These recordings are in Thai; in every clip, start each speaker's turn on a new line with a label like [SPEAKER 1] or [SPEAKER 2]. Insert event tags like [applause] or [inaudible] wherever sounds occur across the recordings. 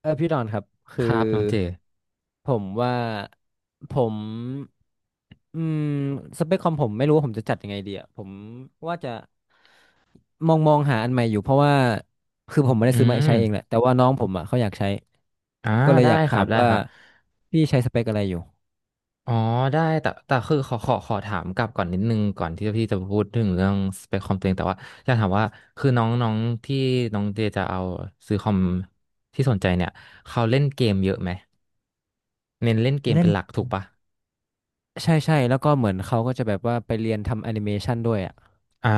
[SPEAKER 1] เออพี่ดอนครับ
[SPEAKER 2] ค
[SPEAKER 1] คือ
[SPEAKER 2] รับน้องเจ
[SPEAKER 1] ผมว่าผมอืมสเปคคอมผมไม่รู้ว่าผมจะจัดยังไงดีอ่ะผมว่าจะมองหาอันใหม่อยู่เพราะว่าคือผมไม่ได้
[SPEAKER 2] อื
[SPEAKER 1] ซื้อมาใช้
[SPEAKER 2] ม
[SPEAKER 1] เองแหละแต่ว่าน้องผมอ่ะเขาอยากใช้
[SPEAKER 2] อ่า
[SPEAKER 1] ก็เลย
[SPEAKER 2] ได้
[SPEAKER 1] อยาก
[SPEAKER 2] ค
[SPEAKER 1] ถา
[SPEAKER 2] รับ
[SPEAKER 1] ม
[SPEAKER 2] ได้
[SPEAKER 1] ว่า
[SPEAKER 2] ครับ
[SPEAKER 1] พี่ใช้สเปคอะไรอยู่
[SPEAKER 2] อ๋อได้แต่คือขอถามกลับก่อนนิดนึงก่อนที่พี่จะพูดถึงเรื่องสเปคคอมตัวเองแต่ว่าอยากถามว่าคือน้องน้องที่น้องเจจะเอาซื้อคอมที่สนใจเนี่ยเขาเล่นเกมเยอะไหมเน้นเล่นเกม
[SPEAKER 1] เล่
[SPEAKER 2] เป็
[SPEAKER 1] น
[SPEAKER 2] นหลักถูกปะ
[SPEAKER 1] ใช่ใช่แล้วก็เหมือนเขาก็จะแบบว่าไปเรียนทำแอนิเมชันด้วยอ่ะ
[SPEAKER 2] อ่า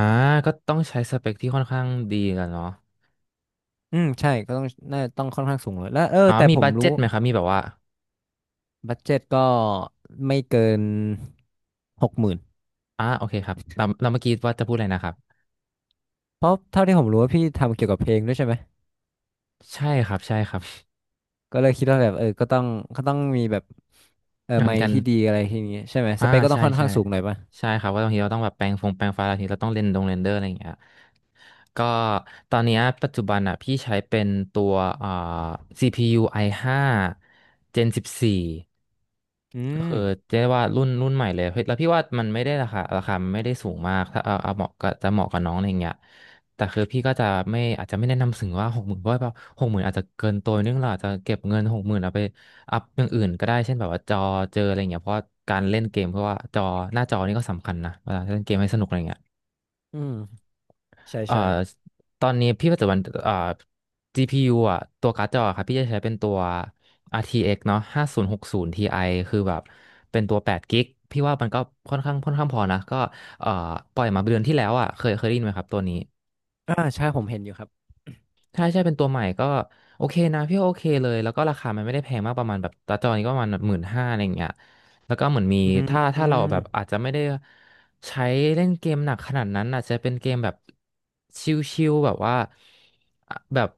[SPEAKER 2] ก็ต้องใช้สเปคที่ค่อนข้างดีกันเนาะ
[SPEAKER 1] อืมใช่ก็ต้องน่าต้องค่อนข้างสูงเลยแล้วเออ
[SPEAKER 2] อ๋อ
[SPEAKER 1] แต่
[SPEAKER 2] มี
[SPEAKER 1] ผม
[SPEAKER 2] บัด
[SPEAKER 1] รู้
[SPEAKER 2] เจ็ตไหมครับมีแบบว่า
[SPEAKER 1] บัดเจ็ตก็ไม่เกิน60,000
[SPEAKER 2] อ่าโอเคครับเราเมื่อกี้ว่าจะพูดอะไรนะครับ
[SPEAKER 1] เพราะเท่าที่ผมรู้ว่าพี่ทำเกี่ยวกับเพลงด้วยใช่ไหม
[SPEAKER 2] ใช่ครับใช่ครับ
[SPEAKER 1] ก็เลยคิดว่าแบบเออก็ต้องมีแบบเออ
[SPEAKER 2] [laughs] อ่ะ
[SPEAKER 1] ไม
[SPEAKER 2] มี
[SPEAKER 1] ค์
[SPEAKER 2] การ
[SPEAKER 1] ที่ดีอะไรทีนี้ใช่ไหมส
[SPEAKER 2] อ่า
[SPEAKER 1] เปคก็ต้อ
[SPEAKER 2] ใช่
[SPEAKER 1] งค่อน
[SPEAKER 2] ใช่
[SPEAKER 1] ข้างสูงหน่อยป่ะ
[SPEAKER 2] ใช่ครับว่าบางทีเราต้องแบบแปรงฟันบางทีเราต้องเรนเดอร์อะไรอย่างเงี้ยก็ตอนเนี้ยปัจจุบันอ่ะพี่ใช้เป็นตัวอ่า CPU i5 Gen 14
[SPEAKER 1] อื
[SPEAKER 2] ก็
[SPEAKER 1] ม
[SPEAKER 2] คือเรียกว่ารุ่นใหม่เลยเฮ้ยแล้วพี่ว่ามันไม่ได้ราคามันไม่ได้สูงมากถ้าเอาเหมาะก็จะเหมาะกับน้องอะไรเงี้ยแต่คือพี่ก็จะไม่อาจจะไม่แนะนำถึงว่าหกหมื่นเพราะว่าหกหมื่นอาจจะเกินตัวนิดนึงเราอาจจะเก็บเงินหกหมื่นเอาไป อัพอย่างอื่นก็ได้เช่นแบบว่าจอเจออะไรเงี้ยเพราะว่าการเล่นเกมเพราะว่าจอหน้าจอนี่ก็สำคัญนะเวลาเล่นเกมให้สนุกอะไรเงี้ย
[SPEAKER 1] อืมใช่
[SPEAKER 2] เอ่อ
[SPEAKER 1] ใช่
[SPEAKER 2] ตอนนี้พี่ปัจจุบันGPU อ่ะตัวการ์ดจอครับพี่จะใช้เป็นตัว RTX เอ็กซ์เนาะ5060 Ti คือแบบเป็นตัว8กิกะพี่ว่ามันก็ค่อนข้างพอนะก็เอ่อปล่อยมาเดือนที่แล้วอ่ะเคยได้ยินไหมครับตัวนี้
[SPEAKER 1] อ่าใช่ผมเห็นอยู่ครับ
[SPEAKER 2] ถ้าใช่เป็นตัวใหม่ก็โอเคนะพี่ว่าโอเคเลยแล้วก็ราคามันไม่ได้แพงมากประมาณแบบตาจอนี้ก็ประมาณหมื่นห้าอะไรอย่างเงี้ย แล้วก็เหมือนมี
[SPEAKER 1] อืม
[SPEAKER 2] ถ้า
[SPEAKER 1] อื
[SPEAKER 2] ถ้าเราแบบอาจจะไม่ได้ใช้เล่นเกมหนักขนาดนั้นอาจจะเป็นเกมแบบชิลๆแบบว่าอ่ะแบบ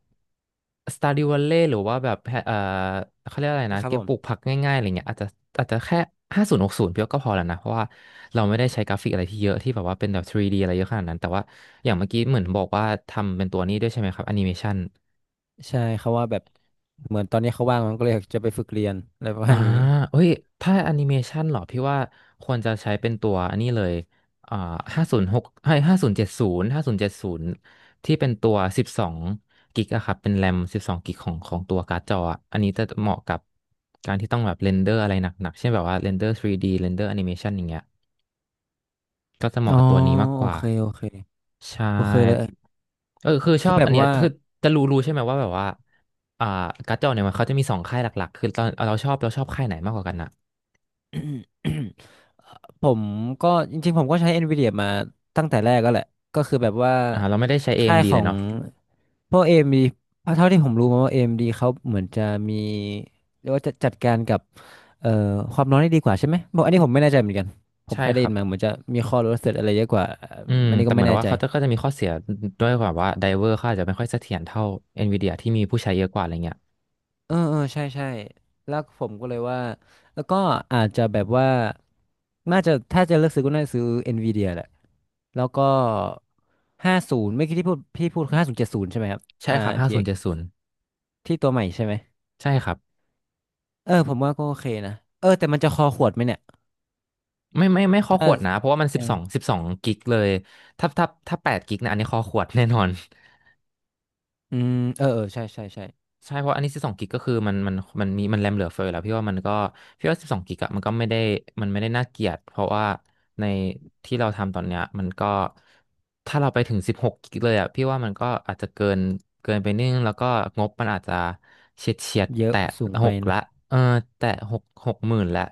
[SPEAKER 2] Stardew Valley หรือว่าแบบเอ่อเขาเรียกอะไร
[SPEAKER 1] ม
[SPEAKER 2] นะ
[SPEAKER 1] ครั
[SPEAKER 2] เก
[SPEAKER 1] บผ
[SPEAKER 2] ม
[SPEAKER 1] ม
[SPEAKER 2] ปลูกผักง่ายๆอะไรเงี้ยอาจจะแค่ห้าศูนย์หกศูนย์เพียวก็พอแล้วนะเพราะว่าเราไม่ได้ใช้กราฟิกอะไรที่เยอะที่แบบว่าเป็นแบบ 3D อะไรเยอะขนาดนั้นแต่ว่าอย่างเมื่อกี้เหมือนบอกว่าทำเป็นตัวนี้ด้วยใช่ไหมครับแอนิเมชัน
[SPEAKER 1] ใช่เขาว่าแบบเหมือนตอนนี้เขาว่างมันก็เลยอยากจะไปฝึกเรียนอะไรประ
[SPEAKER 2] อ่า
[SPEAKER 1] มาณนี้
[SPEAKER 2] เอ้ยถ้าแอนิเมชันเหรอพี่ว่าควรจะใช้เป็นตัวอันนี้เลยอ่าห้าศูนย์หกให้ห้าศูนย์เจ็ดศูนย์ห้าศูนย์เจ็ดศูนย์ที่เป็นตัวสิบสองกิกอะครับเป็นแรมสิบสองกิกของตัวการ์ดจออะอันนี้จะเหมาะกับการที่ต้องแบบเรนเดอร์อะไรหนักๆเช่นแบบว่าเรนเดอร์ 3D เรนเดอร์แอนิเมชันอย่างเงี้ยก็จะเห
[SPEAKER 1] อ๋
[SPEAKER 2] มาะ
[SPEAKER 1] อ
[SPEAKER 2] กับตัวนี้มากก
[SPEAKER 1] โอ
[SPEAKER 2] ว่า
[SPEAKER 1] เคโอเค
[SPEAKER 2] ใช่
[SPEAKER 1] โอเคเลยเออ
[SPEAKER 2] เออคือช
[SPEAKER 1] คื
[SPEAKER 2] อ
[SPEAKER 1] อ
[SPEAKER 2] บ
[SPEAKER 1] แบ
[SPEAKER 2] อั
[SPEAKER 1] บ
[SPEAKER 2] นเนี้ย
[SPEAKER 1] ว่า
[SPEAKER 2] คือจะรู้ใช่ไหมว่าแบบว่าอ่าการ์ดจอเนี่ยมันเขาจะมีสองค่ายหลักๆคือตอนเราชอบค่ายไหนมากกว่ากันอะ
[SPEAKER 1] [coughs] ผมก็จริงๆผมก็ใช้ NVIDIA มาตั้งแต่แรกก็แหละก็คือแบบว่า
[SPEAKER 2] เราไม่ได้ใช้
[SPEAKER 1] ค่าย
[SPEAKER 2] AMD
[SPEAKER 1] ข
[SPEAKER 2] เอ็มดี
[SPEAKER 1] อ
[SPEAKER 2] เลย
[SPEAKER 1] ง
[SPEAKER 2] เนาะ
[SPEAKER 1] พวก AMD เอ็มดีเพราะเท่าที่ผมรู้มาว่า AMD เอ็มดีเขาเหมือนจะมีเรียกว่าจะจัดการกับเอ่อความร้อนได้ดีกว่าใช่ไหมบอกอันนี้ผมไม่แน่ใจเหมือนกันผม
[SPEAKER 2] ใช่
[SPEAKER 1] เคยได้
[SPEAKER 2] ครั
[SPEAKER 1] ยิ
[SPEAKER 2] บ
[SPEAKER 1] นมาเหมือนจะมีข้อรู้สึกอะไรเยอะกว่าอ
[SPEAKER 2] อื
[SPEAKER 1] ม
[SPEAKER 2] ม
[SPEAKER 1] อันนี้
[SPEAKER 2] แต่
[SPEAKER 1] ก็
[SPEAKER 2] เหมื
[SPEAKER 1] ไม่
[SPEAKER 2] อน
[SPEAKER 1] แน่
[SPEAKER 2] ว่า
[SPEAKER 1] ใจ
[SPEAKER 2] เขาก็จะมีข้อเสียด้วยแบบว่าไดเวอร์เขาอาจจะไม่ค่อยเสถียรเท่า NVIDIA ที่มีผู้ใช้เยอะกว่าอะไรเงี้ย
[SPEAKER 1] เออเออใช่ใช่แล้วผมก็เลยว่าแล้วก็อาจจะแบบว่าน่าจะถ้าจะเลือกซื้อก็น่าจะซื้อ Nvidia แหละแล้วก็ห้าศูนย์ไม่อกี้ที่พี่พูดคือ5070ใช่ไหมครับ
[SPEAKER 2] ใช่
[SPEAKER 1] อ่า
[SPEAKER 2] ครับห้า
[SPEAKER 1] RTX ที
[SPEAKER 2] ศู
[SPEAKER 1] เอ็
[SPEAKER 2] นย์
[SPEAKER 1] กซ์
[SPEAKER 2] เจ็ดศูนย์
[SPEAKER 1] ที่ตัวใหม่ใช่ไหม
[SPEAKER 2] ใช่ครับ
[SPEAKER 1] เออผมว่าก็โอเคนะเออแต่มันจะคอขวดไหมเนี่ย
[SPEAKER 2] ไม่ข้อข
[SPEAKER 1] ถ้า
[SPEAKER 2] วดนะเพราะว่ามันสิ
[SPEAKER 1] เอ
[SPEAKER 2] บ
[SPEAKER 1] อ
[SPEAKER 2] สองสิบสองกิกเลยถ้าแปดกิกนะอันนี้ข้อขวด [laughs] แน่นอน
[SPEAKER 1] อืมเออเออใช่ใช่ใช่
[SPEAKER 2] ใช่เพราะอันนี้สิบสองกิกก็คือมันมีมันแรมเหลือเฟือแล้วพี่ว่ามันก็พี่ว่าสิบสองกิกอะมันก็ไม่ได้มันไม่ได้น่าเกลียดเพราะว่าในที่เราทำตอนเนี้ยมันก็ถ้าเราไปถึงสิบหกกิกเลยอะพี่ว่ามันก็อาจจะเกินเกินไปนิดนึงแล้วก็งบมันอาจจะเฉียด
[SPEAKER 1] เยอะ
[SPEAKER 2] แตะ
[SPEAKER 1] สูง
[SPEAKER 2] ห
[SPEAKER 1] ไป
[SPEAKER 2] ก
[SPEAKER 1] นะ
[SPEAKER 2] ละเออแตะหกหมื่นละ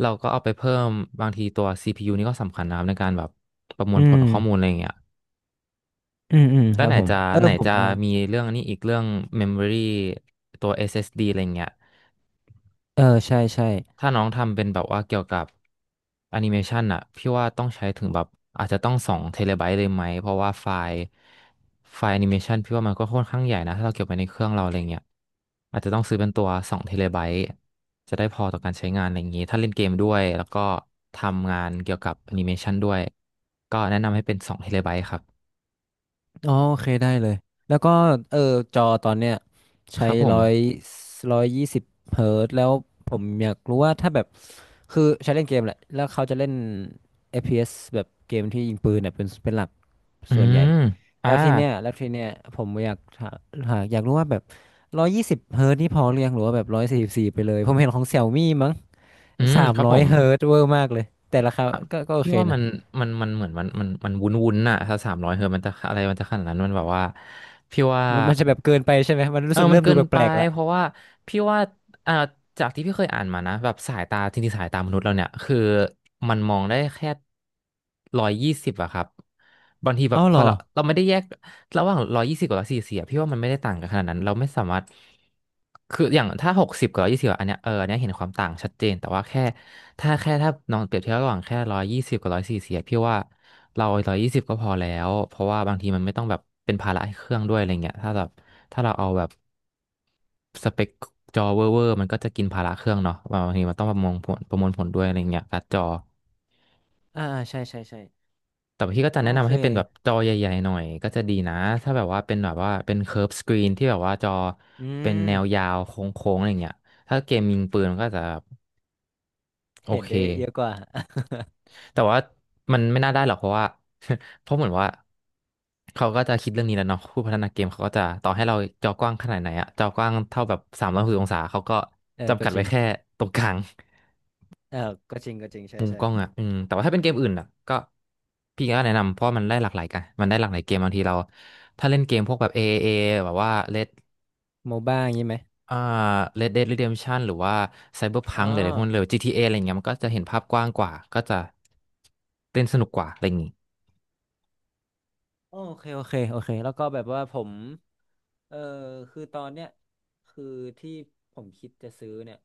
[SPEAKER 2] เราก็เอาไปเพิ่มบางทีตัวซีพียูนี่ก็สำคัญนะครับในการแบบประมว
[SPEAKER 1] อื
[SPEAKER 2] ลผล
[SPEAKER 1] ม
[SPEAKER 2] ข้อมูลอะไรอย่างเงี้ย
[SPEAKER 1] อืมอืม
[SPEAKER 2] แล้
[SPEAKER 1] ค
[SPEAKER 2] ว
[SPEAKER 1] รับ
[SPEAKER 2] ไหน
[SPEAKER 1] ผม
[SPEAKER 2] จะ
[SPEAKER 1] เออ
[SPEAKER 2] ไหน
[SPEAKER 1] ผม
[SPEAKER 2] จะ
[SPEAKER 1] ว่า
[SPEAKER 2] มีเรื่องนี้อีกเรื่อง Memory ตัว SSD อสเอสดีอะไรเงี้ย
[SPEAKER 1] เออใช่ใช่
[SPEAKER 2] ถ้าน้องทำเป็นแบบว่าเกี่ยวกับแอนิเมชันอะพี่ว่าต้องใช้ถึงแบบอาจจะต้องสองเทเลไบต์เลยไหมเพราะว่าไฟล์แอนิเมชันพี่ว่ามันก็ค่อนข้างใหญ่นะถ้าเราเก็บไว้ในเครื่องเราอะไรเงี้ยอาจจะต้องซื้อเป็นตัวสองเทเลไบต์จะได้พอต่อการใช้งานอะไรอย่างนี้ถ้าเล่นเกมด้วยแล้วก็ทำงานเกี่ยวกับแอนิเมชันด้วยก็แนะนำให้เป็นสองเทเลไบต์ครับ
[SPEAKER 1] อ๋อโอเคได้เลยแล้วก็เออจอตอนเนี้ย
[SPEAKER 2] ค
[SPEAKER 1] ใช้
[SPEAKER 2] รับผม
[SPEAKER 1] ร้อยร้อยยี่สิบเฮิร์ตซ์แล้วผมอยากรู้ว่าถ้าแบบคือใช้เล่นเกมแหละแล้วเขาจะเล่น FPS แบบเกมที่ยิงปืนเนี่ยเป็นเป็นหลัก
[SPEAKER 2] อื
[SPEAKER 1] ส่วนใหญ่
[SPEAKER 2] มอ่า
[SPEAKER 1] แล้วทีเนี้ยผมอยากถาหาอยากรู้ว่าแบบร้อยยี่สิบเฮิร์ตซ์นี่พอหรือยังหรือว่าแบบ144ไปเลยผมเห็นของเซี่ยมี่มั้ง
[SPEAKER 2] อืม
[SPEAKER 1] สาม
[SPEAKER 2] ครับ
[SPEAKER 1] ร้
[SPEAKER 2] ผ
[SPEAKER 1] อย
[SPEAKER 2] ม
[SPEAKER 1] เฮิร์ตซ์เวอร์มากเลยแต่ราคาก็ก็โอ
[SPEAKER 2] พี่
[SPEAKER 1] เค
[SPEAKER 2] ว่ามั
[SPEAKER 1] นะ
[SPEAKER 2] นเหมือนมันวุ้นวุ้นอะถ้าสามร้อยเฮอมันจะอะไรมันจะขนาดนั้นมันแบบว่าพี่ว่า
[SPEAKER 1] มันมันจะแบบเกินไปใช่ไหมมัน
[SPEAKER 2] เอ
[SPEAKER 1] รู้
[SPEAKER 2] อ
[SPEAKER 1] สึก
[SPEAKER 2] มัน
[SPEAKER 1] เริ่ม
[SPEAKER 2] เกิ
[SPEAKER 1] ดู
[SPEAKER 2] นไป
[SPEAKER 1] แปลกๆละ
[SPEAKER 2] เพราะว่าพี่ว่าอ่าจากที่พี่เคยอ่านมานะแบบสายตาจริงๆสายตามนุษย์เราเนี่ยคือมันมองได้แค่ร้อยยี่สิบอะครับบางทีแบ
[SPEAKER 1] อ๋อ
[SPEAKER 2] บพ
[SPEAKER 1] เหร
[SPEAKER 2] อ
[SPEAKER 1] อ
[SPEAKER 2] เราไม่ได้แยกระหว่างร้อยยี่สิบกับร้อยสี่สิบพี่ว่ามันไม่ได้ต่างกันขนาดนั้นเราไม่สามารถคืออย่างถ้าหกสิบกับร้อยยี่สิบอันเนี้ยเอออันเนี้ยเห็นความต่างชัดเจนแต่ว่าแค่ ถ้าแค่ถ้าน้องเปรียบเทียบระหว่างแค่ร้อยยี่สิบกับร้อยสี่สิบพี่ว่าเราร้อยยี่สิบก็พอแล้วเพราะว่าบางทีมันไม่ต้องแบบเป็นภาระให้เครื่องด้วยอะไรเงี้ยถ้าแบบถ้าเราเอาแบบสเปคจอเวอร์เวอร์มันก็จะกินภาระเครื่องเนาะบางทีมันต้องประมวลผลด้วยอะไรเงี้ยการ์ดจอ
[SPEAKER 1] อ่าใช่ใช่ใช่
[SPEAKER 2] แต่พี่ก็จะ
[SPEAKER 1] โอ
[SPEAKER 2] แนะ
[SPEAKER 1] เค
[SPEAKER 2] นำให้เป็นแบบจอใหญ่ๆหน่อยก็จะดีนะถ้าแบบว่าเป็นเคิร์ฟสกรีนที่แบบว่าจอ
[SPEAKER 1] อื
[SPEAKER 2] เป็นแนว
[SPEAKER 1] ม
[SPEAKER 2] ยาวโค้งๆอะไรเงี้ยถ้าเกมยิงปืนมันก็จะโอ
[SPEAKER 1] เห็น
[SPEAKER 2] เค
[SPEAKER 1] ได้เยอะกว่า
[SPEAKER 2] แต่ว่ามันไม่น่าได้หรอกเพราะว่า [laughs] เพราะเหมือนว่าเขาก็จะคิดเรื่องนี้แล้วเนาะผู้พัฒนาเกมเขาก็จะต่อให้เราจอกว้างขนาดไหนอะจอกว้างเท่าแบบสามร้อยหกสิบองศาเขาก็
[SPEAKER 1] [laughs] เออ
[SPEAKER 2] จำ
[SPEAKER 1] ก็
[SPEAKER 2] กัด
[SPEAKER 1] จริ
[SPEAKER 2] ไว้
[SPEAKER 1] ง
[SPEAKER 2] แค่ตรงกลาง
[SPEAKER 1] เออก็จริงก็จริงใช่
[SPEAKER 2] มุม
[SPEAKER 1] ใช่
[SPEAKER 2] กล้องอะแต่ว่าถ้าเป็นเกมอื่นอะก็พี่ก็แนะนำเพราะมันได้หลากหลายกันมันได้หลากหลายเกมบางทีเราถ้าเล่นเกมพวกแบบ a เอเอแบบว่า Red
[SPEAKER 1] โมบ้าอย่างนี้ไหม
[SPEAKER 2] อ่า Red Dead Redemption หรือว่า
[SPEAKER 1] อ๋อ
[SPEAKER 2] Cyberpunk หรืออะไรพวกนั้นเลย GTA ออะไรเงี้ยมันก็จะเห็นภาพกว้างกว่าก็จะเล่นสนุกกว่าอะไรอย่างงี้
[SPEAKER 1] โอเคโอเคโอเคแล้วก็แบบว่าผมเออคือตอนเนี้ยคือที่ผมคิดจะซื้อเนี่ย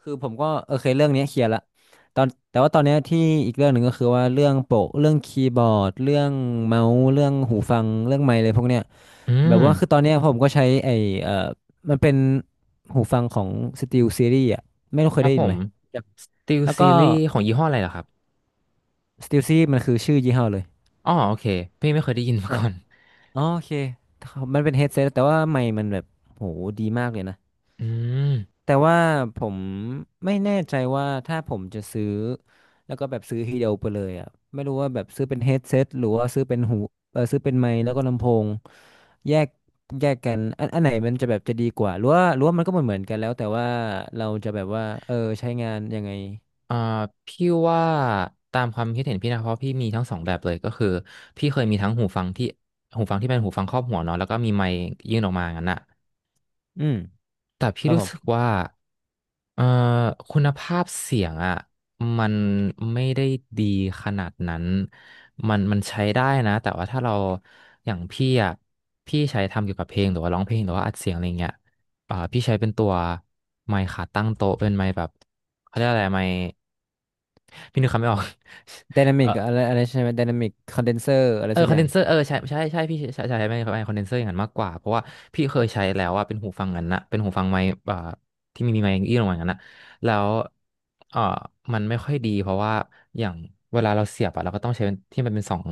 [SPEAKER 1] คือผมก็โอเคเรื่องเนี้ยเคลียร์ละตอนแต่ว่าตอนเนี้ยที่อีกเรื่องหนึ่งก็คือว่าเรื่องโปะเรื่องคีย์บอร์ดเรื่องเมาส์เรื่องหูฟังเรื่องไมค์เลยพวกเนี้ย
[SPEAKER 2] อื
[SPEAKER 1] แบบว่าคือ
[SPEAKER 2] ม
[SPEAKER 1] ตอนเนี้ยผมก็ใช้ไอ้เอ่อมันเป็นหูฟังของ SteelSeries อ่ะไม่รู้
[SPEAKER 2] ค
[SPEAKER 1] เคย
[SPEAKER 2] รับ
[SPEAKER 1] ได้
[SPEAKER 2] ผ
[SPEAKER 1] ยินไห
[SPEAKER 2] ม
[SPEAKER 1] มครับ
[SPEAKER 2] สต e l
[SPEAKER 1] แล้ว
[SPEAKER 2] ซี
[SPEAKER 1] ก็
[SPEAKER 2] รีส์ของยี่ห้ออะไรเหรอครับ
[SPEAKER 1] SteelSeries มันคือชื่อยี่ห้อเลย
[SPEAKER 2] อ๋อโอเคพี่ไม่เคยได้ยินมา
[SPEAKER 1] ใช่
[SPEAKER 2] ก่อน
[SPEAKER 1] อ๋อโอเคมันเป็นเฮดเซตแต่ว่าไมค์มันแบบโหดีมากเลยนะ
[SPEAKER 2] [laughs] อืม
[SPEAKER 1] แต่ว่าผมไม่แน่ใจว่าถ้าผมจะซื้อแล้วก็แบบซื้อทีเดียวไปเลยอ่ะไม่รู้ว่าแบบซื้อเป็นเฮดเซตหรือว่าซื้อเป็นหูเออซื้อเป็นไมค์แล้วก็ลำโพงแยกแยกกันอันอันไหนมันจะแบบจะดีกว่าหรือว่าหรือว่ามันก็เหมือนกันแล้วแต่ว่าเราจะแบบว่าเออใช้งานยังไง
[SPEAKER 2] อ่าพี่ว่าตามความคิดเห็นพี่นะเพราะพี่มีทั้งสองแบบเลยก็คือพี่เคยมีทั้งหูฟังที่เป็นหูฟังครอบหัวเนาะแล้วก็มีไมค์ยื่นออกมางั้นอะ
[SPEAKER 1] อืม
[SPEAKER 2] แต่
[SPEAKER 1] ค
[SPEAKER 2] พี่
[SPEAKER 1] รับผ
[SPEAKER 2] รู้
[SPEAKER 1] ม
[SPEAKER 2] สึกว่าเอ่อคุณภาพเสียงอ่ะมันไม่ได้ดีขนาดนั้นมันใช้ได้นะแต่ว่าถ้าเราอย่างพี่อ่ะพี่ใช้ทำเกี่ยวกับเพลงหรือว่าร้องเพลงหรือว่าอัดเสียงอะไรเงี้ยพี่ใช้เป็นตัวไมค์ขาตั้งโต๊ะเป็นไมค์แบบเขาเรียกอะไรไมค์พี่นึกคำไม่ออก
[SPEAKER 1] ไดนา
[SPEAKER 2] [laughs] เอ
[SPEAKER 1] มิ
[SPEAKER 2] อ
[SPEAKER 1] กอะไรอะไรใช่ไหมไดนามิกคอนเดนเซอร์อะไร
[SPEAKER 2] เออ
[SPEAKER 1] สัก
[SPEAKER 2] คอ
[SPEAKER 1] อ
[SPEAKER 2] น
[SPEAKER 1] ย่า
[SPEAKER 2] เด
[SPEAKER 1] ง
[SPEAKER 2] นเซอร์เออใช่ใช่พี่ใช้ไม่ไม่คอนเดนเซอร์อย่างนั้นมากกว่าเพราะว่าพี่เคยใช้แล้วอะเป็นหูฟังนั้นนะเป็นหูฟังไมค์ที่มีไมค์อี้ลงมาอย่างนั้นนะแล้วเออมันไม่ค่อยดีเพราะว่าอย่างเวลาเราเสียบอะเราก็ต้องใช้เป็นที่มันเป็นสอง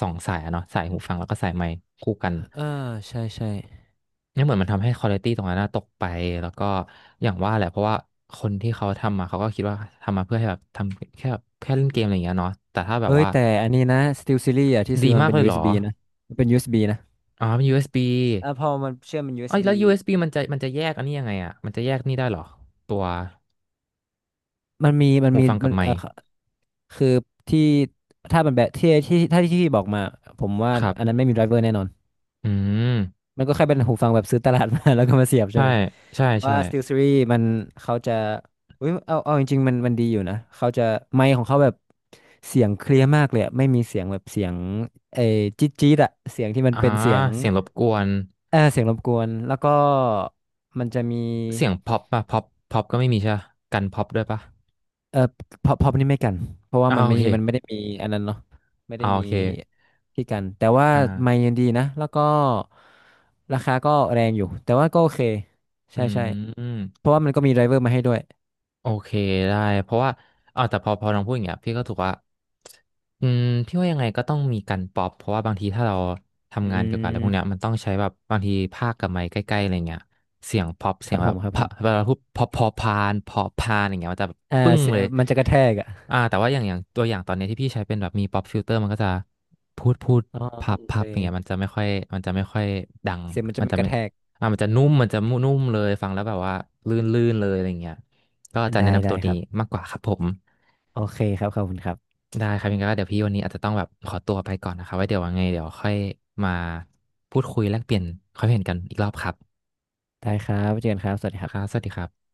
[SPEAKER 2] สายอะเนาะสายหูฟังแล้วก็สายไมค์คู่กัน
[SPEAKER 1] เออใช่ใช่
[SPEAKER 2] เนี่ยเหมือนมันทำให้ควอลิตี้ตรงนั้นนะตกไปแล้วก็อย่างว่าแหละเพราะว่าคนที่เขาทำมาเขาก็คิดว่าทำมาเพื่อให้แบบทำแค่แบบแค่เล่นเกมอะไรอย่างเงี้ยเนาะแต่ถ้าแบ
[SPEAKER 1] เอ้
[SPEAKER 2] บ
[SPEAKER 1] ย
[SPEAKER 2] ว่า
[SPEAKER 1] แต่อันนี้นะ Steel Series อ่ะที่ซื้
[SPEAKER 2] ดี
[SPEAKER 1] อมัน
[SPEAKER 2] มาก
[SPEAKER 1] เป็น
[SPEAKER 2] เลยเหรอ
[SPEAKER 1] USB นะมันเป็นยูเอสบีนะ
[SPEAKER 2] อ๋อเป็น USB
[SPEAKER 1] อ่ะพอมันเชื่อมเป็นยูเอ
[SPEAKER 2] เอ้
[SPEAKER 1] ส
[SPEAKER 2] ย
[SPEAKER 1] บี
[SPEAKER 2] แล้ว USB มันจะแยกอันนี้ยังไงอ่ะมันจะแยกนี่ได้เหรอตัว
[SPEAKER 1] มันมีมัน
[SPEAKER 2] หู
[SPEAKER 1] มี
[SPEAKER 2] ฟังกั
[SPEAKER 1] มั
[SPEAKER 2] บ
[SPEAKER 1] น
[SPEAKER 2] ไมค์
[SPEAKER 1] คือที่ถ้ามันแบบที่ถ้าที่พี่บอกมาผมว่า
[SPEAKER 2] ครั
[SPEAKER 1] อันนั้
[SPEAKER 2] บ
[SPEAKER 1] นไม่มีไดรเวอร์แน่นอน
[SPEAKER 2] อืม
[SPEAKER 1] มันก็แค่เป็นหูฟังแบบซื้อตลาดมา [laughs] แล้วก็มาเสียบใช่
[SPEAKER 2] ใช่
[SPEAKER 1] ไหม
[SPEAKER 2] ใช่ใช่
[SPEAKER 1] ว่า SteelSeries มันเขาจะอุ้ยเอาจริงๆมันมันดีอยู่นะเขาจะไมค์ของเขาแบบเสียงเคลียร์มากเลยอะไม่มีเสียงแบบเสียงเออจี๊ดจี๊ดอะเสียงที่มัน
[SPEAKER 2] อ่า
[SPEAKER 1] เป็นเสียง
[SPEAKER 2] เสียงรบกวน
[SPEAKER 1] เออเสียงรบกวนแล้วก็มันจะมี
[SPEAKER 2] เสียงพ็อปป่ะพ็อปก็ไม่มีใช่ปะกันพ็อปด้วยป่ะ
[SPEAKER 1] เออพอพอนี่ไม่กันเพราะว่า
[SPEAKER 2] อ่า
[SPEAKER 1] มัน
[SPEAKER 2] โอ
[SPEAKER 1] ไม่
[SPEAKER 2] เค
[SPEAKER 1] มันไม่ได้มีอันนั้นเนาะไม่ได้
[SPEAKER 2] อ่าโอ
[SPEAKER 1] มี
[SPEAKER 2] เค
[SPEAKER 1] ที่กันแต่ว่า
[SPEAKER 2] อ
[SPEAKER 1] ไมค์
[SPEAKER 2] ่า
[SPEAKER 1] ยังดีนะแล้วก็ราคาก็แรงอยู่แต่ว่าก็โอเค
[SPEAKER 2] อื
[SPEAKER 1] ใช่ใช่เพ
[SPEAKER 2] ม
[SPEAKER 1] ราะว่ามันก็มีไดรเวอร์มาให้ด้วย
[SPEAKER 2] โอเคได้เพราะว่าแต่พอน้องพูดอย่างเงี้ยพี่ก็ถูกว่าอืมพี่ว่ายังไงก็ต้องมีกันป๊อปเพราะว่าบางทีถ้าเรา
[SPEAKER 1] อื
[SPEAKER 2] ทำงานเกี่ยวกับอะไรพวกเนี้ย
[SPEAKER 1] ม
[SPEAKER 2] มันต้องใช้แบบบางทีภาคกับไมค์ใกล้ๆอะไรเงี้ยเสียงป๊อป
[SPEAKER 1] ค
[SPEAKER 2] เสีย
[SPEAKER 1] รั
[SPEAKER 2] ง
[SPEAKER 1] บ
[SPEAKER 2] แบ
[SPEAKER 1] ผม
[SPEAKER 2] บ
[SPEAKER 1] ครับผ
[SPEAKER 2] พะ
[SPEAKER 1] ม
[SPEAKER 2] เวลาพูดพอพานพอพานอย่างเงี้ยมันจะแบบ
[SPEAKER 1] เออ
[SPEAKER 2] ปึ้ง
[SPEAKER 1] เสีย
[SPEAKER 2] เลย
[SPEAKER 1] มันจะกระแทกอ่ะ
[SPEAKER 2] แต่ว่าอย่างตัวอย่างตอนเนี้ยที่พี่ใช้เป็นแบบมีป๊อปฟิลเตอร์มันก็จะพูด
[SPEAKER 1] อ๋อ
[SPEAKER 2] พับ
[SPEAKER 1] โอเค
[SPEAKER 2] พับอย่างเงี้ยมันจะไม่ค่อยมันจะไม่ค่อยดัง
[SPEAKER 1] เสียงมันจะ
[SPEAKER 2] มัน
[SPEAKER 1] ไม่
[SPEAKER 2] จะ
[SPEAKER 1] ก
[SPEAKER 2] ไม่
[SPEAKER 1] ระแทก
[SPEAKER 2] มันจะนุ่มมันจะนุ่มเลยฟังแล้วแบบว่าลื่นลื่นเลยอะไรเงี้ย ก็จะแนะ
[SPEAKER 1] ได้
[SPEAKER 2] นำตั
[SPEAKER 1] ได้
[SPEAKER 2] ว
[SPEAKER 1] ค
[SPEAKER 2] นี้
[SPEAKER 1] รับ
[SPEAKER 2] มากกว่าครับผม
[SPEAKER 1] โอเคครับขอบคุณครับ
[SPEAKER 2] ได้ครับยังไงก็เดี๋ยวพี่วันนี้อาจจะต้องแบบขอตัวไปก่อนนะครับไว้เดี๋ยวว่าไงเดี๋ยวค่อยมาพูดคุยแลกเปลี่ยนความเห็นกันอีกรอบครับ
[SPEAKER 1] ได้ครับไว้เจอกันครับสวัสดีค
[SPEAKER 2] ค
[SPEAKER 1] รั
[SPEAKER 2] รับ
[SPEAKER 1] บ
[SPEAKER 2] สวัสดีครับ